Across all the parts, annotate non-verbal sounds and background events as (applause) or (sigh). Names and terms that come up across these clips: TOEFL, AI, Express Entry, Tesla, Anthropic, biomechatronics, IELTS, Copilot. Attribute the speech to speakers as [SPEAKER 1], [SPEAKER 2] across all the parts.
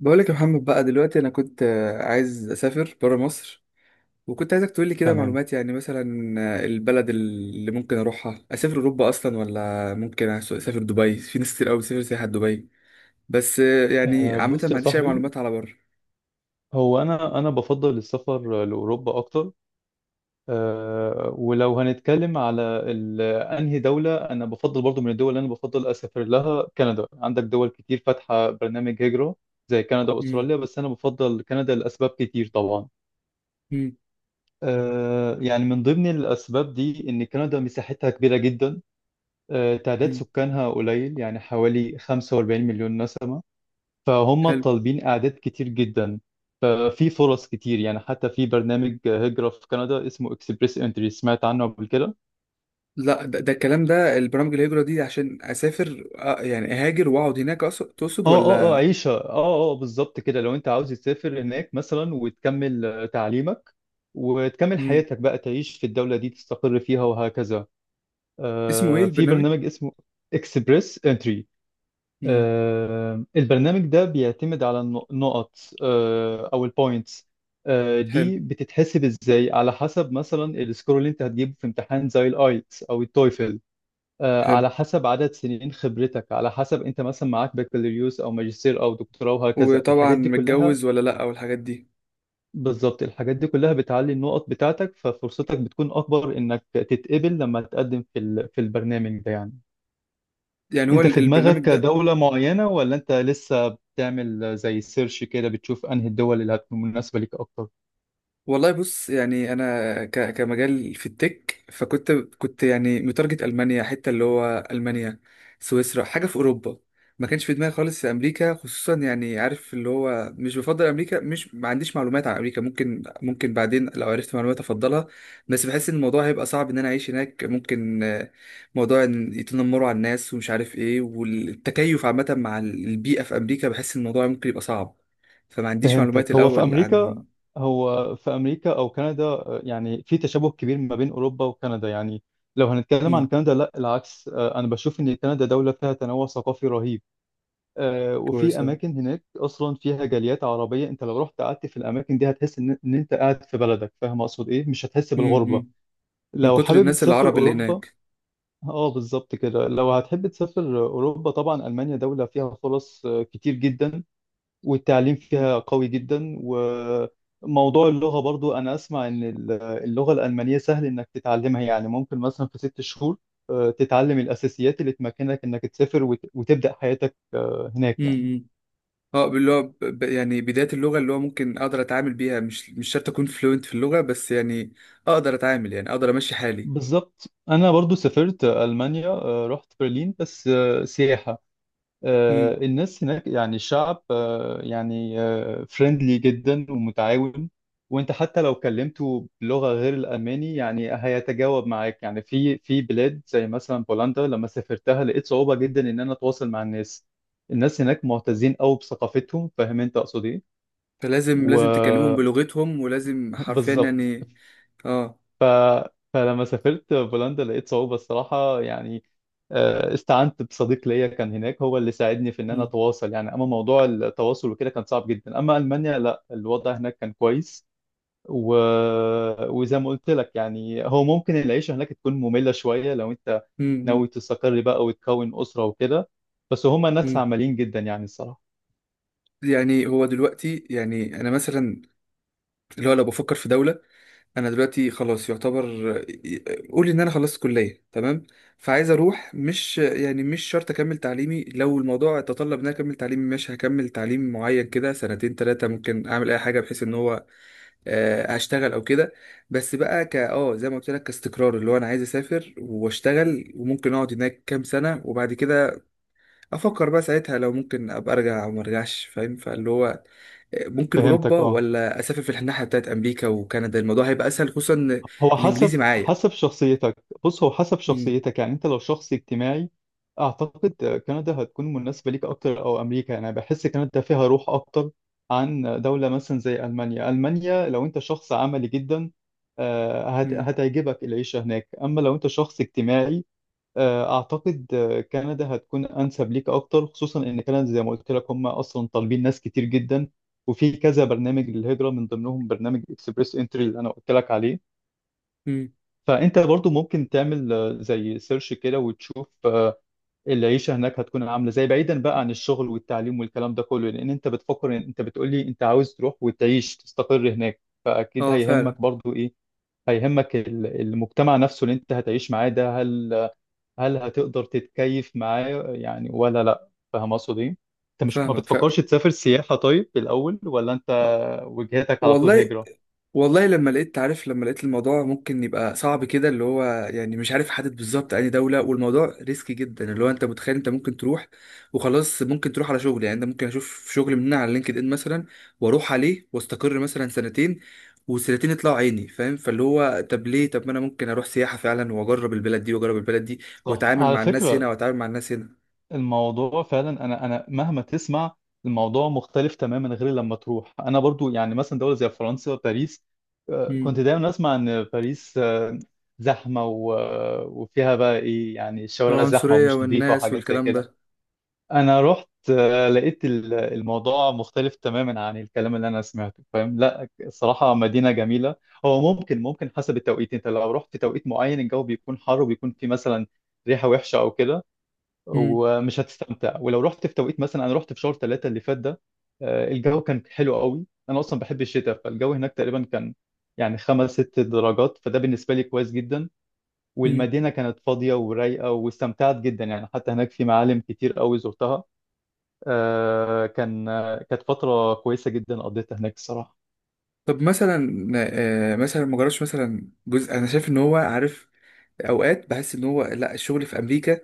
[SPEAKER 1] بقولك يا محمد. بقى دلوقتي انا كنت عايز اسافر برا مصر، وكنت عايزك تقولي كده
[SPEAKER 2] تمام.
[SPEAKER 1] معلومات. يعني مثلا البلد اللي ممكن اروحها، اسافر اوروبا اصلا ولا ممكن اسافر دبي؟ في ناس كتير قوي بتسافر سياحة دبي، بس يعني عامة
[SPEAKER 2] بص
[SPEAKER 1] ما
[SPEAKER 2] يا
[SPEAKER 1] عنديش اي
[SPEAKER 2] صاحبي،
[SPEAKER 1] معلومات على بره.
[SPEAKER 2] هو انا بفضل السفر لاوروبا اكتر. ولو هنتكلم على انهي دوله انا بفضل، برضو من الدول اللي انا بفضل اسافر لها كندا. عندك دول كتير فاتحه برنامج هجره زي كندا
[SPEAKER 1] مم،
[SPEAKER 2] واستراليا، بس انا بفضل كندا لاسباب كتير طبعا.
[SPEAKER 1] مم،
[SPEAKER 2] يعني من ضمن الاسباب دي ان كندا مساحتها كبيره جدا. تعداد
[SPEAKER 1] مم.
[SPEAKER 2] سكانها قليل، يعني حوالي 45 مليون نسمه، فهم
[SPEAKER 1] حلو.
[SPEAKER 2] طالبين اعداد كتير جدا. ففي فرص كتير، يعني حتى في برنامج هجرة في كندا اسمه اكسبريس انتري، سمعت عنه قبل كده.
[SPEAKER 1] لا، ده, ده الكلام ده، البرامج الهجرة دي عشان اسافر يعني اهاجر واقعد هناك تقصد
[SPEAKER 2] اه، اه، اه،
[SPEAKER 1] ولا؟
[SPEAKER 2] عيشة، اه، اه، بالظبط كده، لو انت عاوز تسافر هناك مثلا وتكمل تعليمك، وتكمل
[SPEAKER 1] مم.
[SPEAKER 2] حياتك بقى، تعيش في الدولة دي تستقر فيها وهكذا.
[SPEAKER 1] اسمه ايه
[SPEAKER 2] في
[SPEAKER 1] البرنامج؟
[SPEAKER 2] برنامج اسمه اكسبريس انتري.
[SPEAKER 1] مم.
[SPEAKER 2] البرنامج ده بيعتمد على النقط، او البوينتس.
[SPEAKER 1] حلو.
[SPEAKER 2] دي بتتحسب ازاي؟ على حسب مثلا السكور اللي انت هتجيبه في امتحان زي الايتس او التويفل.
[SPEAKER 1] حلو.
[SPEAKER 2] على حسب عدد سنين خبرتك، على حسب انت مثلا معاك بكالوريوس او ماجستير او دكتوراه وهكذا،
[SPEAKER 1] وطبعا
[SPEAKER 2] الحاجات دي كلها.
[SPEAKER 1] متجوز ولا لا، والحاجات دي.
[SPEAKER 2] بالظبط، الحاجات دي كلها بتعلي النقط بتاعتك، ففرصتك بتكون اكبر انك تتقبل لما تقدم في في البرنامج ده يعني.
[SPEAKER 1] يعني هو
[SPEAKER 2] انت في
[SPEAKER 1] البرنامج
[SPEAKER 2] دماغك
[SPEAKER 1] ده.
[SPEAKER 2] دولة معينة، ولا انت لسه بتعمل زي سيرش كده، بتشوف انهي الدول اللي هتكون مناسبة ليك اكتر؟
[SPEAKER 1] والله بص، يعني انا كمجال في التك، فكنت يعني متارجت المانيا، حته اللي هو المانيا، سويسرا، حاجه في اوروبا. ما كانش في دماغي خالص امريكا. خصوصا يعني عارف اللي هو مش بفضل امريكا، مش ما عنديش معلومات عن امريكا. ممكن بعدين لو عرفت معلومات افضلها، بس بحس ان الموضوع هيبقى صعب ان انا اعيش هناك. ممكن موضوع ان يتنمروا على الناس ومش عارف ايه، والتكيف عامه مع البيئه في امريكا بحس ان الموضوع ممكن يبقى صعب. فما عنديش معلومات
[SPEAKER 2] فهمتك.
[SPEAKER 1] الأول عن.
[SPEAKER 2] هو في امريكا او كندا. يعني في تشابه كبير ما بين اوروبا وكندا يعني. لو هنتكلم
[SPEAKER 1] مم.
[SPEAKER 2] عن كندا لا العكس، انا بشوف ان كندا دولة فيها تنوع ثقافي رهيب. وفي
[SPEAKER 1] كويسة.
[SPEAKER 2] اماكن هناك اصلا فيها جاليات عربية، انت لو رحت قعدت في الاماكن دي هتحس إن انت قاعد في بلدك. فاهم اقصد ايه؟ مش هتحس
[SPEAKER 1] مم.
[SPEAKER 2] بالغربة.
[SPEAKER 1] مم. من
[SPEAKER 2] لو
[SPEAKER 1] كتر
[SPEAKER 2] حابب
[SPEAKER 1] الناس
[SPEAKER 2] تسافر
[SPEAKER 1] العرب اللي
[SPEAKER 2] اوروبا،
[SPEAKER 1] هناك.
[SPEAKER 2] اه بالظبط كده، لو هتحب تسافر اوروبا طبعا المانيا دوله فيها فرص كتير جدا، والتعليم
[SPEAKER 1] مم.
[SPEAKER 2] فيها قوي جدا. وموضوع اللغه برضو، انا اسمع ان اللغه الالمانيه سهل انك تتعلمها، يعني ممكن مثلا في 6 شهور تتعلم الاساسيات اللي تمكنك انك تسافر وتبدا حياتك هناك يعني.
[SPEAKER 1] مم. اه، اللي هو يعني بداية اللغة، اللي هو ممكن أقدر أتعامل بيها. مش شرط أكون فلوينت في اللغة، بس يعني أقدر أتعامل، يعني أقدر أمشي حالي.
[SPEAKER 2] بالظبط. انا برضو سافرت المانيا، رحت برلين بس سياحه.
[SPEAKER 1] مم.
[SPEAKER 2] الناس هناك، يعني الشعب، يعني فريندلي جدا ومتعاون. وانت حتى لو كلمته بلغة غير الألماني يعني هيتجاوب معاك. يعني في بلاد زي مثلا بولندا، لما سافرتها لقيت صعوبة جدا ان انا اتواصل مع الناس. الناس هناك معتزين قوي بثقافتهم، فاهم انت اقصد ايه؟
[SPEAKER 1] فلازم، لازم تكلمهم
[SPEAKER 2] وبالظبط.
[SPEAKER 1] بلغتهم، ولازم حرفيا يعني. اه.
[SPEAKER 2] فلما سافرت بولندا لقيت صعوبة الصراحة يعني. استعنت بصديق ليا كان هناك، هو اللي ساعدني في ان انا
[SPEAKER 1] مم.
[SPEAKER 2] اتواصل. يعني اما موضوع التواصل وكده كان صعب جدا، اما المانيا لا، الوضع هناك كان كويس. و... وزي ما قلت لك يعني، هو ممكن العيشة هناك تكون مملة شوية لو انت
[SPEAKER 1] مم. مم.
[SPEAKER 2] ناوي تستقر بقى وتكون أسرة وكده. بس هما ناس
[SPEAKER 1] مم.
[SPEAKER 2] عمليين جدا يعني الصراحة.
[SPEAKER 1] يعني هو دلوقتي، يعني أنا مثلا، اللي هو لو بفكر في دولة، انا دلوقتي خلاص يعتبر، قولي ان انا خلصت كليه، تمام؟ فعايز اروح، مش يعني مش شرط اكمل تعليمي. لو الموضوع تطلب ان انا اكمل تعليمي ماشي، هكمل تعليم معين كده سنتين ثلاثه، ممكن اعمل اي حاجه بحيث ان هو هشتغل او كده. بس بقى ك اه زي ما قلت لك كاستقرار، اللي هو انا عايز اسافر واشتغل، وممكن اقعد هناك كام سنه، وبعد كده افكر بقى ساعتها لو ممكن ابقى ارجع او ما ارجعش، فاهم؟ فاللي هو ممكن
[SPEAKER 2] فهمتك.
[SPEAKER 1] اوروبا،
[SPEAKER 2] اه،
[SPEAKER 1] ولا اسافر في الناحيه بتاعت امريكا وكندا. الموضوع هيبقى اسهل، خصوصا إن
[SPEAKER 2] هو حسب
[SPEAKER 1] الانجليزي معايا.
[SPEAKER 2] حسب شخصيتك. بص، هو حسب
[SPEAKER 1] امم.
[SPEAKER 2] شخصيتك يعني، انت لو شخص اجتماعي اعتقد كندا هتكون مناسبة ليك اكتر، او امريكا. يعني أنا بحس كندا فيها روح اكتر عن دولة مثلا زي المانيا. المانيا لو انت شخص عملي جدا
[SPEAKER 1] امم.
[SPEAKER 2] هتعجبك العيشة هناك. اما لو انت شخص اجتماعي اعتقد كندا هتكون انسب ليك اكتر، خصوصا ان كندا زي ما قلت لك هم اصلا طالبين ناس كتير جدا. وفي كذا برنامج للهجرة، من ضمنهم برنامج اكسبريس انتري اللي انا قلت لك عليه.
[SPEAKER 1] امم.
[SPEAKER 2] فانت برضو ممكن تعمل زي سيرش كده وتشوف العيشه هناك هتكون عامله زي، بعيدا بقى عن الشغل والتعليم والكلام ده كله، لان انت بتفكر، انت بتقول لي انت عاوز تروح وتعيش تستقر هناك. فاكيد
[SPEAKER 1] اه فعلا.
[SPEAKER 2] هيهمك برضو ايه؟ هيهمك المجتمع نفسه اللي انت هتعيش معاه ده. هل هتقدر تتكيف معاه يعني ولا لا؟ فاهم اقصد ايه؟ انت مش ما
[SPEAKER 1] فاهمك فعلا.
[SPEAKER 2] بتفكرش تسافر سياحه طيب الاول، ولا انت وجهتك على طول
[SPEAKER 1] والله.
[SPEAKER 2] هجره؟
[SPEAKER 1] والله لما لقيت، عارف، لما لقيت الموضوع ممكن يبقى صعب كده، اللي هو يعني مش عارف حدد بالظبط أي دولة. والموضوع ريسكي جدا، اللي هو أنت متخيل أنت ممكن تروح وخلاص، ممكن تروح على شغل، يعني أنت ممكن أشوف شغل مننا على لينكد إن مثلا، وأروح عليه وأستقر مثلا سنتين، والسنتين يطلعوا عيني، فاهم؟ فاللي هو طب ليه، طب ما أنا ممكن أروح سياحة فعلا، وأجرب البلد دي وأجرب البلد دي،
[SPEAKER 2] صح
[SPEAKER 1] وأتعامل
[SPEAKER 2] على
[SPEAKER 1] مع الناس هنا
[SPEAKER 2] فكرة.
[SPEAKER 1] وأتعامل مع الناس هنا.
[SPEAKER 2] الموضوع فعلا، انا مهما تسمع، الموضوع مختلف تماما غير لما تروح. انا برضو يعني مثلا دوله زي فرنسا وباريس، كنت
[SPEAKER 1] امم.
[SPEAKER 2] دايما اسمع ان باريس زحمه، وفيها بقى ايه يعني، الشوارع زحمه
[SPEAKER 1] العنصرية
[SPEAKER 2] ومش نظيفه
[SPEAKER 1] والناس
[SPEAKER 2] وحاجات زي
[SPEAKER 1] والكلام
[SPEAKER 2] كده.
[SPEAKER 1] ده.
[SPEAKER 2] انا رحت لقيت الموضوع مختلف تماما عن الكلام اللي انا سمعته. فاهم؟ لا، الصراحه مدينه جميله. هو ممكن حسب التوقيت. انت لو رحت في توقيت معين، الجو بيكون حر وبيكون في مثلا ريحه وحشه او كده ومش هتستمتع. ولو رحت في توقيت، مثلا انا رحت في شهر ثلاثة اللي فات ده، الجو كان حلو قوي. انا اصلا بحب الشتاء، فالجو هناك تقريبا كان يعني خمس ست درجات، فده بالنسبة لي كويس جدا.
[SPEAKER 1] امم.
[SPEAKER 2] والمدينة كانت فاضية ورايقة، واستمتعت جدا يعني. حتى هناك في معالم كتير قوي زرتها. كانت فترة كويسة جدا قضيتها هناك الصراحة.
[SPEAKER 1] طب مثلا مثلا ما جربش، مثلا جزء انا شايف ان هو، عارف، اوقات بحس ان هو لا، الشغل في امريكا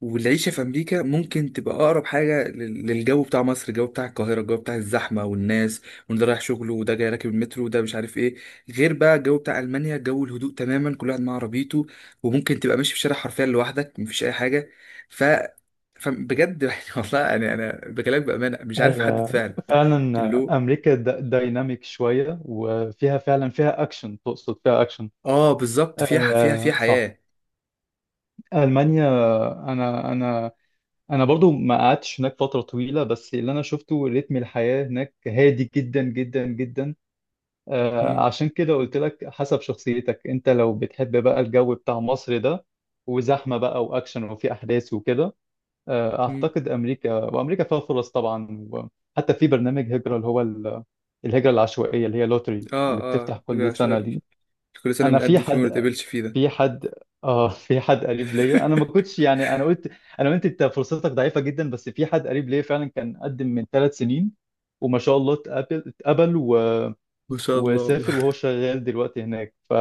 [SPEAKER 1] والعيشه في امريكا ممكن تبقى اقرب حاجه للجو بتاع مصر، الجو بتاع القاهره، الجو بتاع الزحمه والناس، وان ده رايح شغله، وده جاي راكب المترو، وده مش عارف ايه. غير بقى الجو بتاع المانيا، جو الهدوء تماما، كل واحد مع عربيته، وممكن تبقى ماشي في الشارع حرفيا لوحدك مفيش اي حاجه. ف، فبجد (laughs) يعني والله، انا بكلمك بامانه، مش عارف احدد
[SPEAKER 2] هي
[SPEAKER 1] فعلا.
[SPEAKER 2] فعلا.
[SPEAKER 1] اللي هو
[SPEAKER 2] أمريكا دايناميك شوية وفيها فعلا فيها أكشن. تقصد فيها أكشن؟
[SPEAKER 1] اه بالظبط، فيها فيها، فيها
[SPEAKER 2] صح.
[SPEAKER 1] حياة.
[SPEAKER 2] ألمانيا، أنا أنا أنا برضو ما قعدتش هناك فترة طويلة، بس اللي أنا شفته رتم الحياة هناك هادي جدا جدا جدا.
[SPEAKER 1] مم.
[SPEAKER 2] عشان كده قلت لك حسب شخصيتك. أنت لو بتحب بقى الجو بتاع مصر ده، وزحمة بقى وأكشن وفي أحداث وكده،
[SPEAKER 1] مم.
[SPEAKER 2] أعتقد أمريكا. وأمريكا فيها فرص طبعا، وحتى في برنامج هجرة اللي هو الهجرة العشوائية، اللي هي لوتري
[SPEAKER 1] اه
[SPEAKER 2] اللي
[SPEAKER 1] اه،
[SPEAKER 2] بتفتح كل
[SPEAKER 1] ده
[SPEAKER 2] سنة
[SPEAKER 1] سؤال.
[SPEAKER 2] دي.
[SPEAKER 1] كل سنة
[SPEAKER 2] أنا في
[SPEAKER 1] بنقدم فيه وما
[SPEAKER 2] حد
[SPEAKER 1] نتقابلش فيه ده.
[SPEAKER 2] في حد اه (laughs) في حد قريب ليا. انا ما
[SPEAKER 1] (laughs)
[SPEAKER 2] كنتش يعني، انا قلت انت فرصتك ضعيفه جدا. بس في حد قريب ليا فعلا كان قدم من 3 سنين، وما شاء الله اتقبل اتقبل و...
[SPEAKER 1] ما شاء الله
[SPEAKER 2] وسافر،
[SPEAKER 1] والله.
[SPEAKER 2] وهو شغال دلوقتي هناك.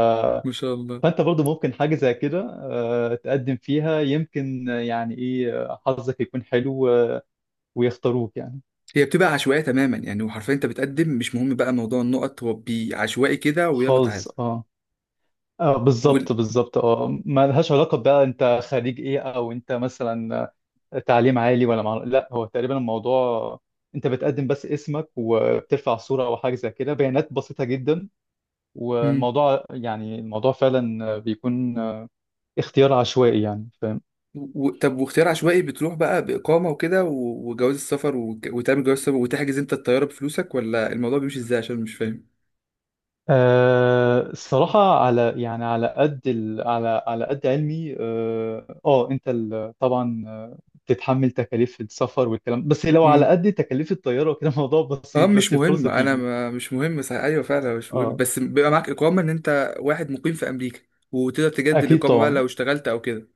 [SPEAKER 1] ما شاء الله.
[SPEAKER 2] فانت برضو ممكن حاجه زي كده تقدم فيها، يمكن يعني ايه حظك يكون حلو ويختاروك يعني.
[SPEAKER 1] هي بتبقى عشوائية تماما يعني، وحرفيا انت بتقدم، مش مهم بقى موضوع النقط، هو عشوائي كده ويلا تعالى.
[SPEAKER 2] خالص. اه، اه،
[SPEAKER 1] وال...
[SPEAKER 2] بالظبط بالظبط، اه، ما لهاش علاقة بقى انت خريج ايه، او انت مثلا تعليم عالي ولا لا، هو تقريبا الموضوع انت بتقدم بس اسمك، وبترفع صورة او حاجة زي كده، بيانات بسيطة جدا.
[SPEAKER 1] مم.
[SPEAKER 2] والموضوع يعني، الموضوع فعلا بيكون اختيار عشوائي يعني. فاهم؟
[SPEAKER 1] و... طب واختيار عشوائي، بتروح بقى بإقامة وكده، و... وجواز السفر، و... وتعمل جواز السفر وتحجز انت الطيارة بفلوسك، ولا الموضوع بيمشي ازاي؟ عشان مش فاهم.
[SPEAKER 2] الصراحة، على يعني على قد علمي، اه، انت طبعا بتتحمل تكاليف السفر والكلام. بس لو على قد تكاليف الطيارة وكده (laughs) الموضوع
[SPEAKER 1] اه
[SPEAKER 2] بسيط،
[SPEAKER 1] مش
[SPEAKER 2] بس
[SPEAKER 1] مهم،
[SPEAKER 2] الفرصة
[SPEAKER 1] انا
[SPEAKER 2] تيجي.
[SPEAKER 1] ما مش مهم، صح ايوه فعلا مش مهم.
[SPEAKER 2] اه
[SPEAKER 1] بس بيبقى معاك اقامه ان انت واحد مقيم في امريكا، وتقدر تجدد
[SPEAKER 2] اكيد
[SPEAKER 1] الاقامه بقى
[SPEAKER 2] طبعا،
[SPEAKER 1] لو اشتغلت او كده.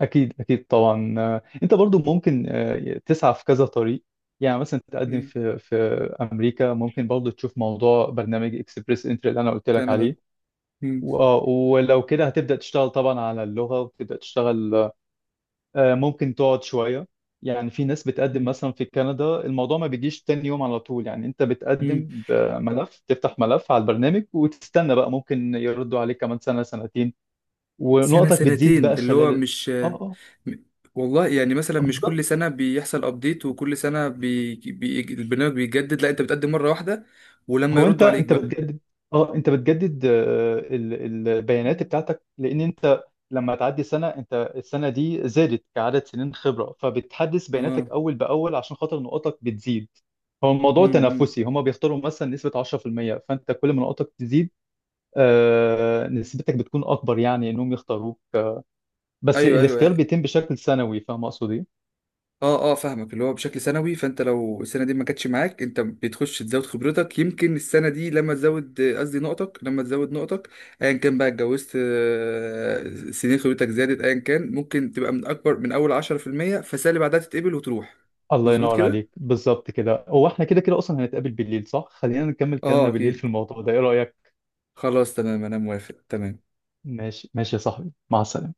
[SPEAKER 2] اكيد اكيد طبعا. انت برضو ممكن تسعى في كذا طريق. يعني مثلا تقدم
[SPEAKER 1] مم.
[SPEAKER 2] في امريكا، ممكن برضو تشوف موضوع برنامج اكسبريس انتري اللي انا قلت لك
[SPEAKER 1] كندا.
[SPEAKER 2] عليه.
[SPEAKER 1] مم.
[SPEAKER 2] ولو كده هتبدأ تشتغل طبعا على اللغة، وتبدأ تشتغل. ممكن تقعد شوية. يعني في ناس بتقدم
[SPEAKER 1] مم.
[SPEAKER 2] مثلا في كندا، الموضوع ما بيجيش تاني يوم على طول، يعني انت
[SPEAKER 1] مم.
[SPEAKER 2] بتقدم بملف، تفتح ملف على البرنامج وتستنى بقى. ممكن يردوا عليك كمان سنة سنتين،
[SPEAKER 1] سنه
[SPEAKER 2] ونقطك بتزيد بقى
[SPEAKER 1] سنتين، اللي
[SPEAKER 2] خلال
[SPEAKER 1] هو مش،
[SPEAKER 2] اه، اه،
[SPEAKER 1] م- والله يعني مثلا مش كل
[SPEAKER 2] بالظبط.
[SPEAKER 1] سنه بيحصل ابديت، وكل سنه البرنامج بيتجدد، لا انت بتقدم مره واحده ولما
[SPEAKER 2] هو انت
[SPEAKER 1] يردوا عليك
[SPEAKER 2] انت
[SPEAKER 1] بقى.
[SPEAKER 2] بتجدد. اه، انت بتجدد البيانات بتاعتك، لان انت لما تعدي سنة، انت السنة دي زادت كعدد سنين خبرة، فبتحدث
[SPEAKER 1] اه.
[SPEAKER 2] بياناتك اول باول عشان خاطر نقطك بتزيد. هو الموضوع
[SPEAKER 1] مم. مم.
[SPEAKER 2] تنافسي، هما بيختاروا مثلا نسبة 10%. فانت كل ما نقطك تزيد نسبتك بتكون اكبر يعني انهم يختاروك. بس
[SPEAKER 1] ايوه ايوه
[SPEAKER 2] الاختيار
[SPEAKER 1] يعني.
[SPEAKER 2] بيتم بشكل سنوي. فاهم اقصد ايه؟
[SPEAKER 1] اه اه فاهمك، اللي هو بشكل سنوي. فانت لو السنه دي ما جاتش معاك، انت بتخش تزود خبرتك، يمكن السنه دي لما تزود، قصدي نقطك، لما تزود نقطك ايا كان بقى، اتجوزت سنين خبرتك زادت، ايا كان، ممكن تبقى من اكبر، من اول 10%، فالسنه اللي بعدها تتقبل وتروح.
[SPEAKER 2] الله
[SPEAKER 1] مظبوط
[SPEAKER 2] ينور
[SPEAKER 1] كده.
[SPEAKER 2] عليك، بالظبط كده. هو احنا كده كده اصلا هنتقابل بالليل، صح؟ خلينا نكمل
[SPEAKER 1] اه
[SPEAKER 2] كلامنا بالليل في
[SPEAKER 1] اكيد.
[SPEAKER 2] الموضوع ده، ايه رأيك؟
[SPEAKER 1] خلاص تمام انا موافق تمام.
[SPEAKER 2] ماشي ماشي يا صاحبي، مع السلامة.